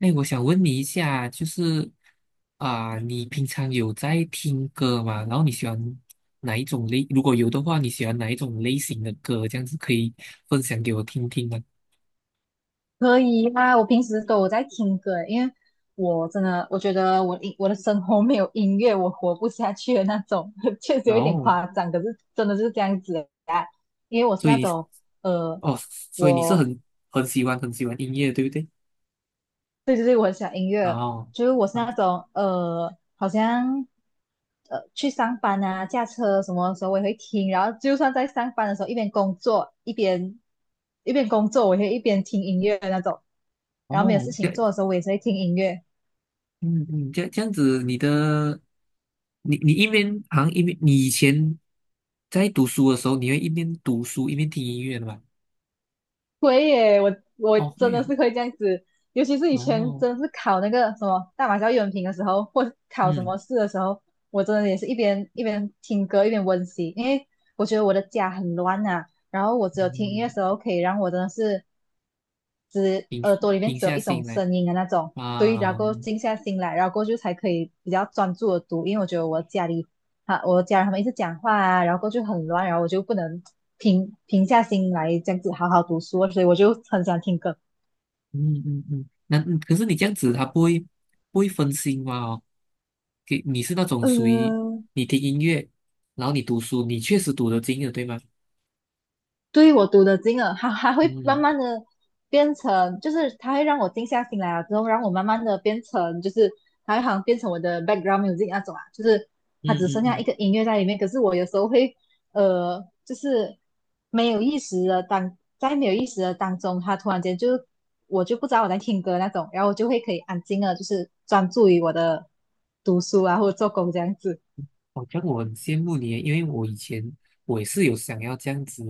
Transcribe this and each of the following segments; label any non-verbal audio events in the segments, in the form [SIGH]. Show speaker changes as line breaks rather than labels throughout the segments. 哎，我想问你一下，就是你平常有在听歌吗？然后你喜欢哪一种类？如果有的话，你喜欢哪一种类型的歌？这样子可以分享给我听听吗？
可以啊，我平时都有在听歌，因为我真的我觉得我音我的生活没有音乐我活不下去的那种，[LAUGHS] 确实
然
有一点
后，
夸张，可是真的就是这样子啊。因为我是
所
那
以
种呃，
哦，所以你是
我
很喜欢很喜欢音乐，对不对？
对对对，我很喜欢音乐，
哦。
就是我是
啊。
那种好像去上班啊、驾车什么的时候我也会听，然后就算在上班的时候一边工作，我也会一边听音乐的那种。然后没有
哦，
事
这
情
样。
做的时候，我也是会听音乐。
嗯嗯，这样子，你的你你一边好像一边你以前在读书的时候，你会一边读书一边听音乐的吧？
会耶，我
哦，
真
会
的
啊。
是会这样子，尤其是以前
哦。
真的是考那个什么大马教育文凭的时候，或是考什么
嗯。
试的时候，我真的也是一边听歌一边温习，因为我觉得我的家很乱呐，然后我只有听音乐
嗯，
的时候可以让我真的是
平
耳朵里面
平
只有
下
一种
心来
声音的那种，对，然后
啊。
过后静下心来，然后过后就才可以比较专注的读，因为我觉得我家里啊，我家人他们一直讲话啊，然后过后就很乱，然后我就不能。平下心来这样子好好读书啊，所以我就很喜欢听歌。
嗯嗯嗯，那嗯可是你这样子，他不会分心吗？哦，给你是那种属于
嗯，
你听音乐，然后你读书，你确实读得进的，对吗？
对，我读的进了，它还会慢
嗯
慢的变成，就是它会让我静下心来了之后，让我慢慢的变成，就是它会好像变成我的 background music 那种啊，就是
嗯
它只
嗯
剩下一
嗯。
个音乐在里面。可是我有时候会，就是没有意识的当在没有意识的当中，它突然间就我就不知道我在听歌那种，然后我就会可以安静的，就是专注于我的读书啊或者做工这样子。
好像我很羡慕你耶，因为我以前我也是有想要这样子，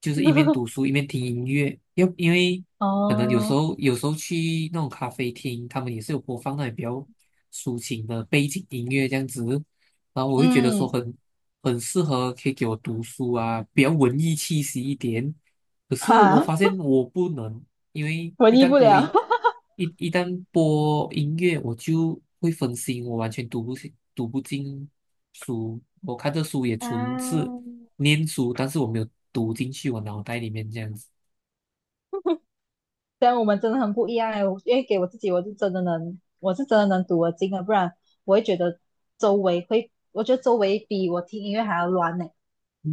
就是一边读书
[LAUGHS]
一边听音乐，要因为可能有时
哦，
候有时候去那种咖啡厅，他们也是有播放那种比较抒情的背景音乐这样子，然后我会觉得说
嗯，
很很适合可以给我读书啊，比较文艺气息一点。可是我
哈，
发现我不能，因为
[LAUGHS] 文
一
艺
旦
不
播音，
了。[LAUGHS]
一旦播音乐，我就会分心，我完全读不进书。我看的书也纯是
啊，
念书，但是我没有读进去我脑袋里面这样子。
虽然我们真的很不一样哎，我因为给我自己，我是真的能读得进的，不然我会觉得周围会，我觉得周围比我听音乐还要乱呢，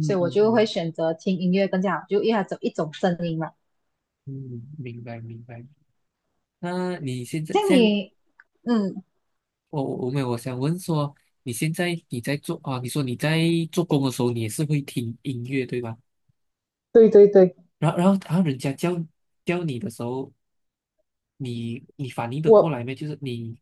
所以我就会选择听音乐更加好，就因为它只有一种声音嘛。
嗯嗯明白明白。那你现在
像
现在
你，嗯，
我我没有，我想问说，你现在你在做啊？你说你在做工的时候，你也是会听音乐对吧？
对对对，
然后人家叫你的时候，你你反应得过来
我
没？就是你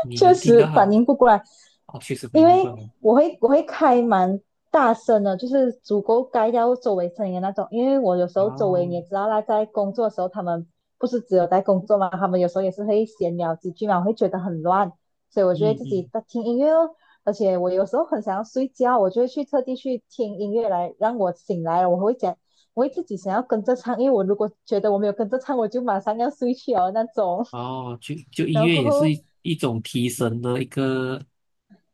你
确
能听到
实
他
反
们。
应不过来，
哦，确实没
因
有
为
办然。
我会开蛮大声的，就是足够盖掉周围声音的那种。因为我有时候周围你
哦。
也知道啦，在工作的时候，他们不是只有在工作嘛，他们有时候也是会闲聊几句嘛，我会觉得很乱，所以我就会
嗯
自己
嗯。
在听音乐哦。而且我有时候很想要睡觉，我就会去特地去听音乐来让我醒来了。我会讲，我会自己想要跟着唱，因为我如果觉得我没有跟着唱，我就马上要睡去哦那种。
哦，就就
[LAUGHS]
音
然后
乐
过
也是
后
一种提神的一个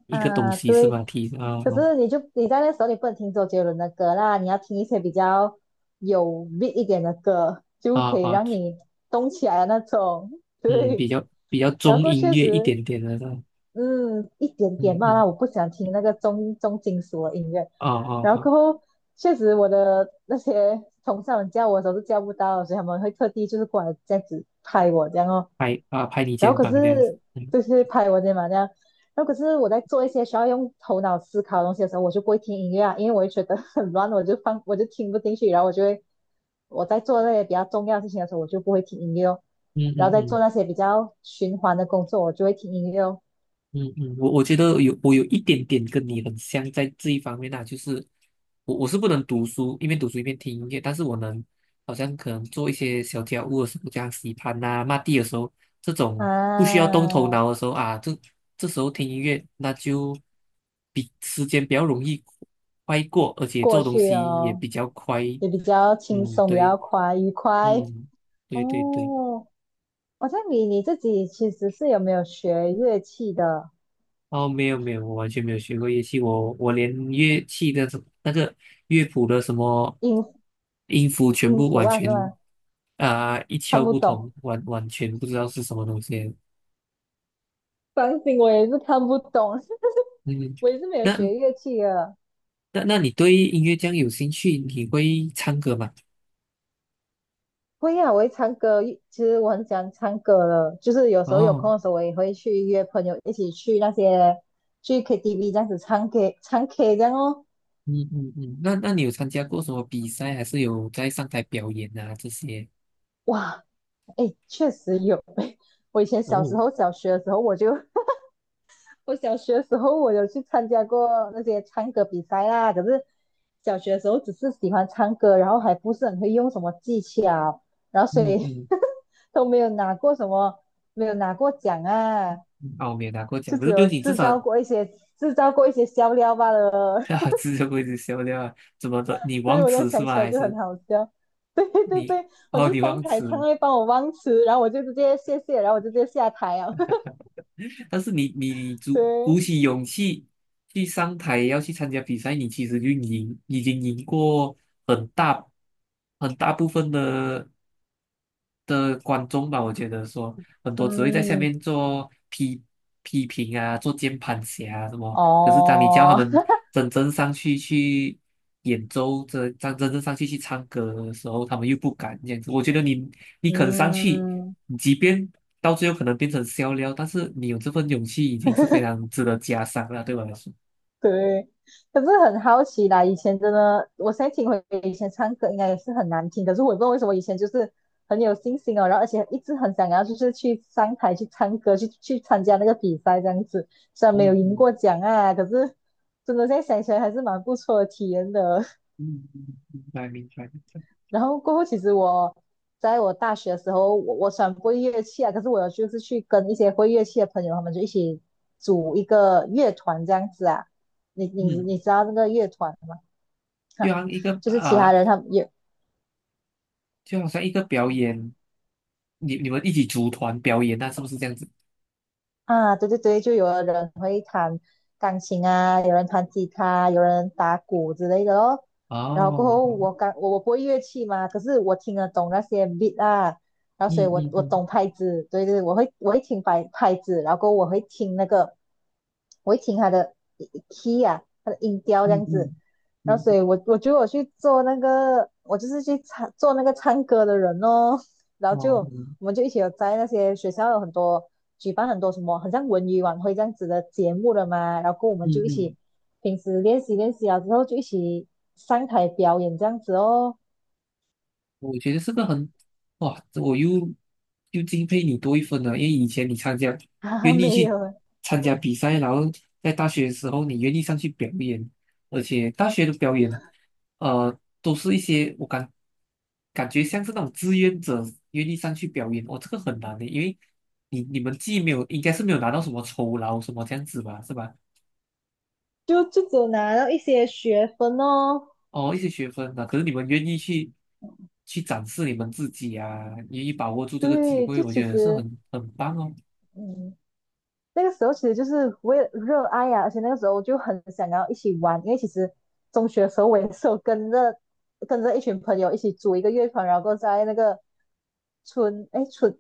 一个东
啊，
西是吧？
对，
提
可是你在那时候你不能听周杰伦的歌啦，你要听一些比较有 beat 一点的歌，就
啊
可以
啊，
让你动起来的那种。
嗯，比
对，
较比较
然
中
后
音
确
乐一
实，
点点的那种。
嗯，一点
嗯
点嘛
嗯，
啦，我不想听那个重金属的音乐。
哦哦
然后过
好。
后，确实我的那些同事们叫我的时候是叫不到的，所以他们会特地就是过来这样子拍我这样哦。
拍啊拍你
然后
肩
可
膀这样子。
是
嗯
就是拍文件嘛这样，然后可是我在做一些需要用头脑思考的东西的时候，我就不会听音乐啊，因为我会觉得很乱，我就听不进去，然后我就会我在做那些比较重要的事情的时候，我就不会听音乐哦，
嗯
然
嗯
后在做
嗯。
那些比较循环的工作，我就会听音乐哦。
嗯嗯，我我觉得有我有一点点跟你很像，在这一方面啊，就是我我是不能读书，一边读书一边听音乐，但是我能好像可能做一些小家务的时候，这样洗盘呐、抹地的时候，这种不需要动头
啊，
脑的时候啊，这这时候听音乐，那就比时间比较容易快过，而且
过
做东
去
西也
哦，
比较快。
也比较轻
嗯，
松，比
对。
较快愉快
嗯，对对对。
哦。好像你你自己其实是有没有学乐器的
哦，没有没有，我完全没有学过乐器，我我连乐器的什那个乐谱的什么
音
音符全
音
部
符
完
啊，是
全
吗？
一
看
窍
不
不通，
懂。
完完全不知道是什么东西。
钢琴我也是看不懂，
嗯，
[LAUGHS] 我也是没有
那
学乐器的。
那你对音乐这样有兴趣，你会唱歌吗？
会啊，我会唱歌，其实我很喜欢唱歌的，就是有时候有
哦。
空的时候，我也会去约朋友一起去那些去 KTV 这样子唱 K 这样哦。
嗯嗯嗯，那那你有参加过什么比赛，还是有在上台表演啊这些？
哇，哎，确实有。[LAUGHS] 我以前小时
哦。
候小学的时候，我小学的时候我有去参加过那些唱歌比赛啦，可是小学的时候只是喜欢唱歌，然后还不是很会用什么技巧，然后所
嗯
以
嗯，
[LAUGHS] 都没有拿过什么，没有拿过奖啊，
嗯哦，没有拿过
就
奖，可
只
是对
有
你至
制
少
造
[LAUGHS]
过一些制造过一些笑料罢了。
啊，
[LAUGHS]
只是会是笑料啊，怎么的？你
所以
忘
我在
词是
想
吗？
起来
还
就
是？
很好笑。[LAUGHS] 对对
你
对，我
哦，
就
你
上
忘
台
词
唱
了，
会帮我忘词，然后我就直接谢谢，然后我就直接下台啊。[LAUGHS]
但是你鼓鼓
对，
起勇气去上台要去参加比赛，你其实就赢，已经赢过很大很大部分的的观众吧，我觉得说很多只会在下
嗯，
面做批批评啊，做键盘侠啊什么。可是当你叫他
哦，
们真正上去去演奏，真真正上去去唱歌的时候，他们又不敢这样子。我觉得你你
[LAUGHS]
肯上去，
嗯。
即便到最后可能变成笑料，但是你有这份勇气，已经是非
[LAUGHS]
常值得嘉赏了，对我来说。
[LAUGHS] 对，可是很好奇啦，以前真的，我现在听回以前唱歌应该也是很难听，可是我也不知道为什么以前就是很有信心哦，然后而且一直很想要就是去上台去唱歌，去参加那个比赛这样子，虽然没有
嗯，
赢过奖啊，可是真的现在想起来还是蛮不错的体验的。
嗯明白明白明白。
[LAUGHS] 然后过后其实我在我大学的时候，我虽然不会乐器啊，可是我有就是去跟一些会乐器的朋友，他们就一起组一个乐团这样子啊，你
嗯，
你知道那个乐团吗？
就
哈，
像一个
就是其他人他们也
就好像一个表演，你你们一起组团表演，那是不是这样子？
啊，对对对，就有的人会弹钢琴啊，有人弹吉他，有人打鼓之类的咯。然后过
哦。
后我刚我我不会乐器嘛，可是我听得懂那些 beat 啊，然后所以
嗯
我我懂拍子，对对，我会听拍子，然后过后我会听那个，我会听他的 key 啊，他的音调这
嗯
样子。
嗯
然后所以我我觉得我去做那个，我就是去唱做那个唱歌的人哦。然
嗯，
后就
哦。
我们就一起有在那些学校有很多举办很多什么，很像文娱晚会这样子的节目了嘛，然后我们
嗯
就一
嗯。
起平时练习啊，之后就一起上台表演这样子哦。
我觉得这个很，哇，我又敬佩你多一分了，因为以前你参加，
[LAUGHS] 啊，
愿意
没
去
有，
参加比赛，然后在大学的时候你愿意上去表演，而且大学的表演，都是一些我感感觉像是那种志愿者愿意上去表演。哦，这个很难的，因为你你们既没有应该是没有拿到什么酬劳什么这样子吧，是吧？
就只有拿到一些学分哦。
哦，一些学分啊，可是你们愿意去去展示你们自己啊，愿意把握住这个机
对，
会，
就
我
其
觉得是
实，
很很棒哦。
嗯，那个时候其实就是为了热爱呀，而且那个时候就很想要一起玩，因为其实中学的时候我也是有跟着一群朋友一起组一个乐团，然后在那个春哎春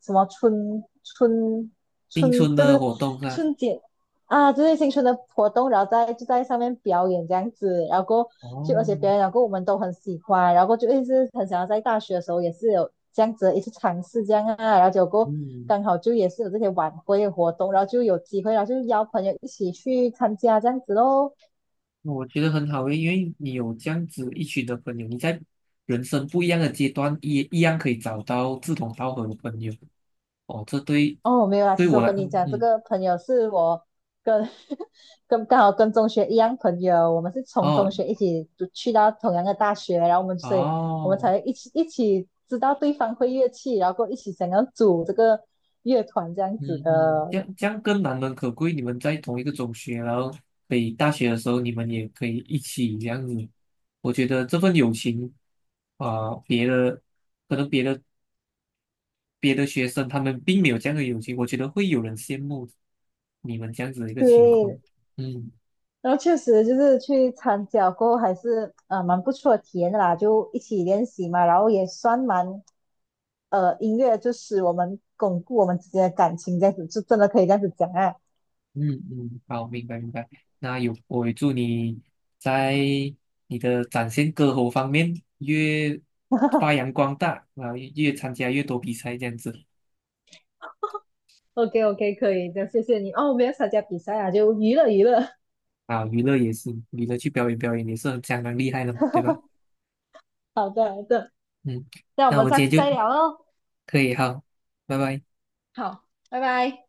什么春春
青
春
春
对
的
对
活动是吧？
春节啊，就是新春的活动，然后就在上面表演这样子，然后过就而
哦。
且表演，然后过我们都很喜欢，然后过就一直很想要在大学的时候也是有这样子的一次尝试这样啊，然后结果过
嗯，
刚好就也是有这些晚会的活动，然后就有机会，然后就邀朋友一起去参加这样子喽。
那我觉得很好诶，因为你有这样子一群的朋友，你在人生不一样的阶段也一样可以找到志同道合的朋友。哦，这对
哦，没有啦。
对
其实
我
我
来，
跟你
嗯，
讲，这
嗯
个朋友是跟 [LAUGHS] 跟跟中学一样朋友，我们是从中
哦
学一起读去到同样的大学，然后我们所以我们
哦。
才一起知道对方会乐器，然后过后一起想要组这个乐团这样子
嗯嗯，这
的。
样这样更难能可贵。你们在同一个中学，然后可以大学的时候，你们也可以一起这样子。我觉得这份友情别的可能别的学生他们并没有这样的友情，我觉得会有人羡慕你们这样子的一个情况。
对，
嗯
然后确实就是去参加过后还是呃蛮不错的体验的啦，就一起练习嘛，然后也算蛮呃音乐就使我们巩固我们之间的感情，这样子就真的可以这样子讲啊。
嗯嗯，好，明白明白。那有，我也祝你在你的展现歌喉方面越发扬光大，然后越参加越多比赛这样子。
OK OK，可以的，谢谢你哦。我没有参加比赛啊，就娱乐娱乐。
啊，娱乐也是，娱乐去表演表演也是很相当厉害的嘛，对吧？
[LAUGHS] 好的好的，
嗯，
那我
那我
们
们
下
今
次
天
再
就
聊喽。
可以好，拜拜。
好，拜拜。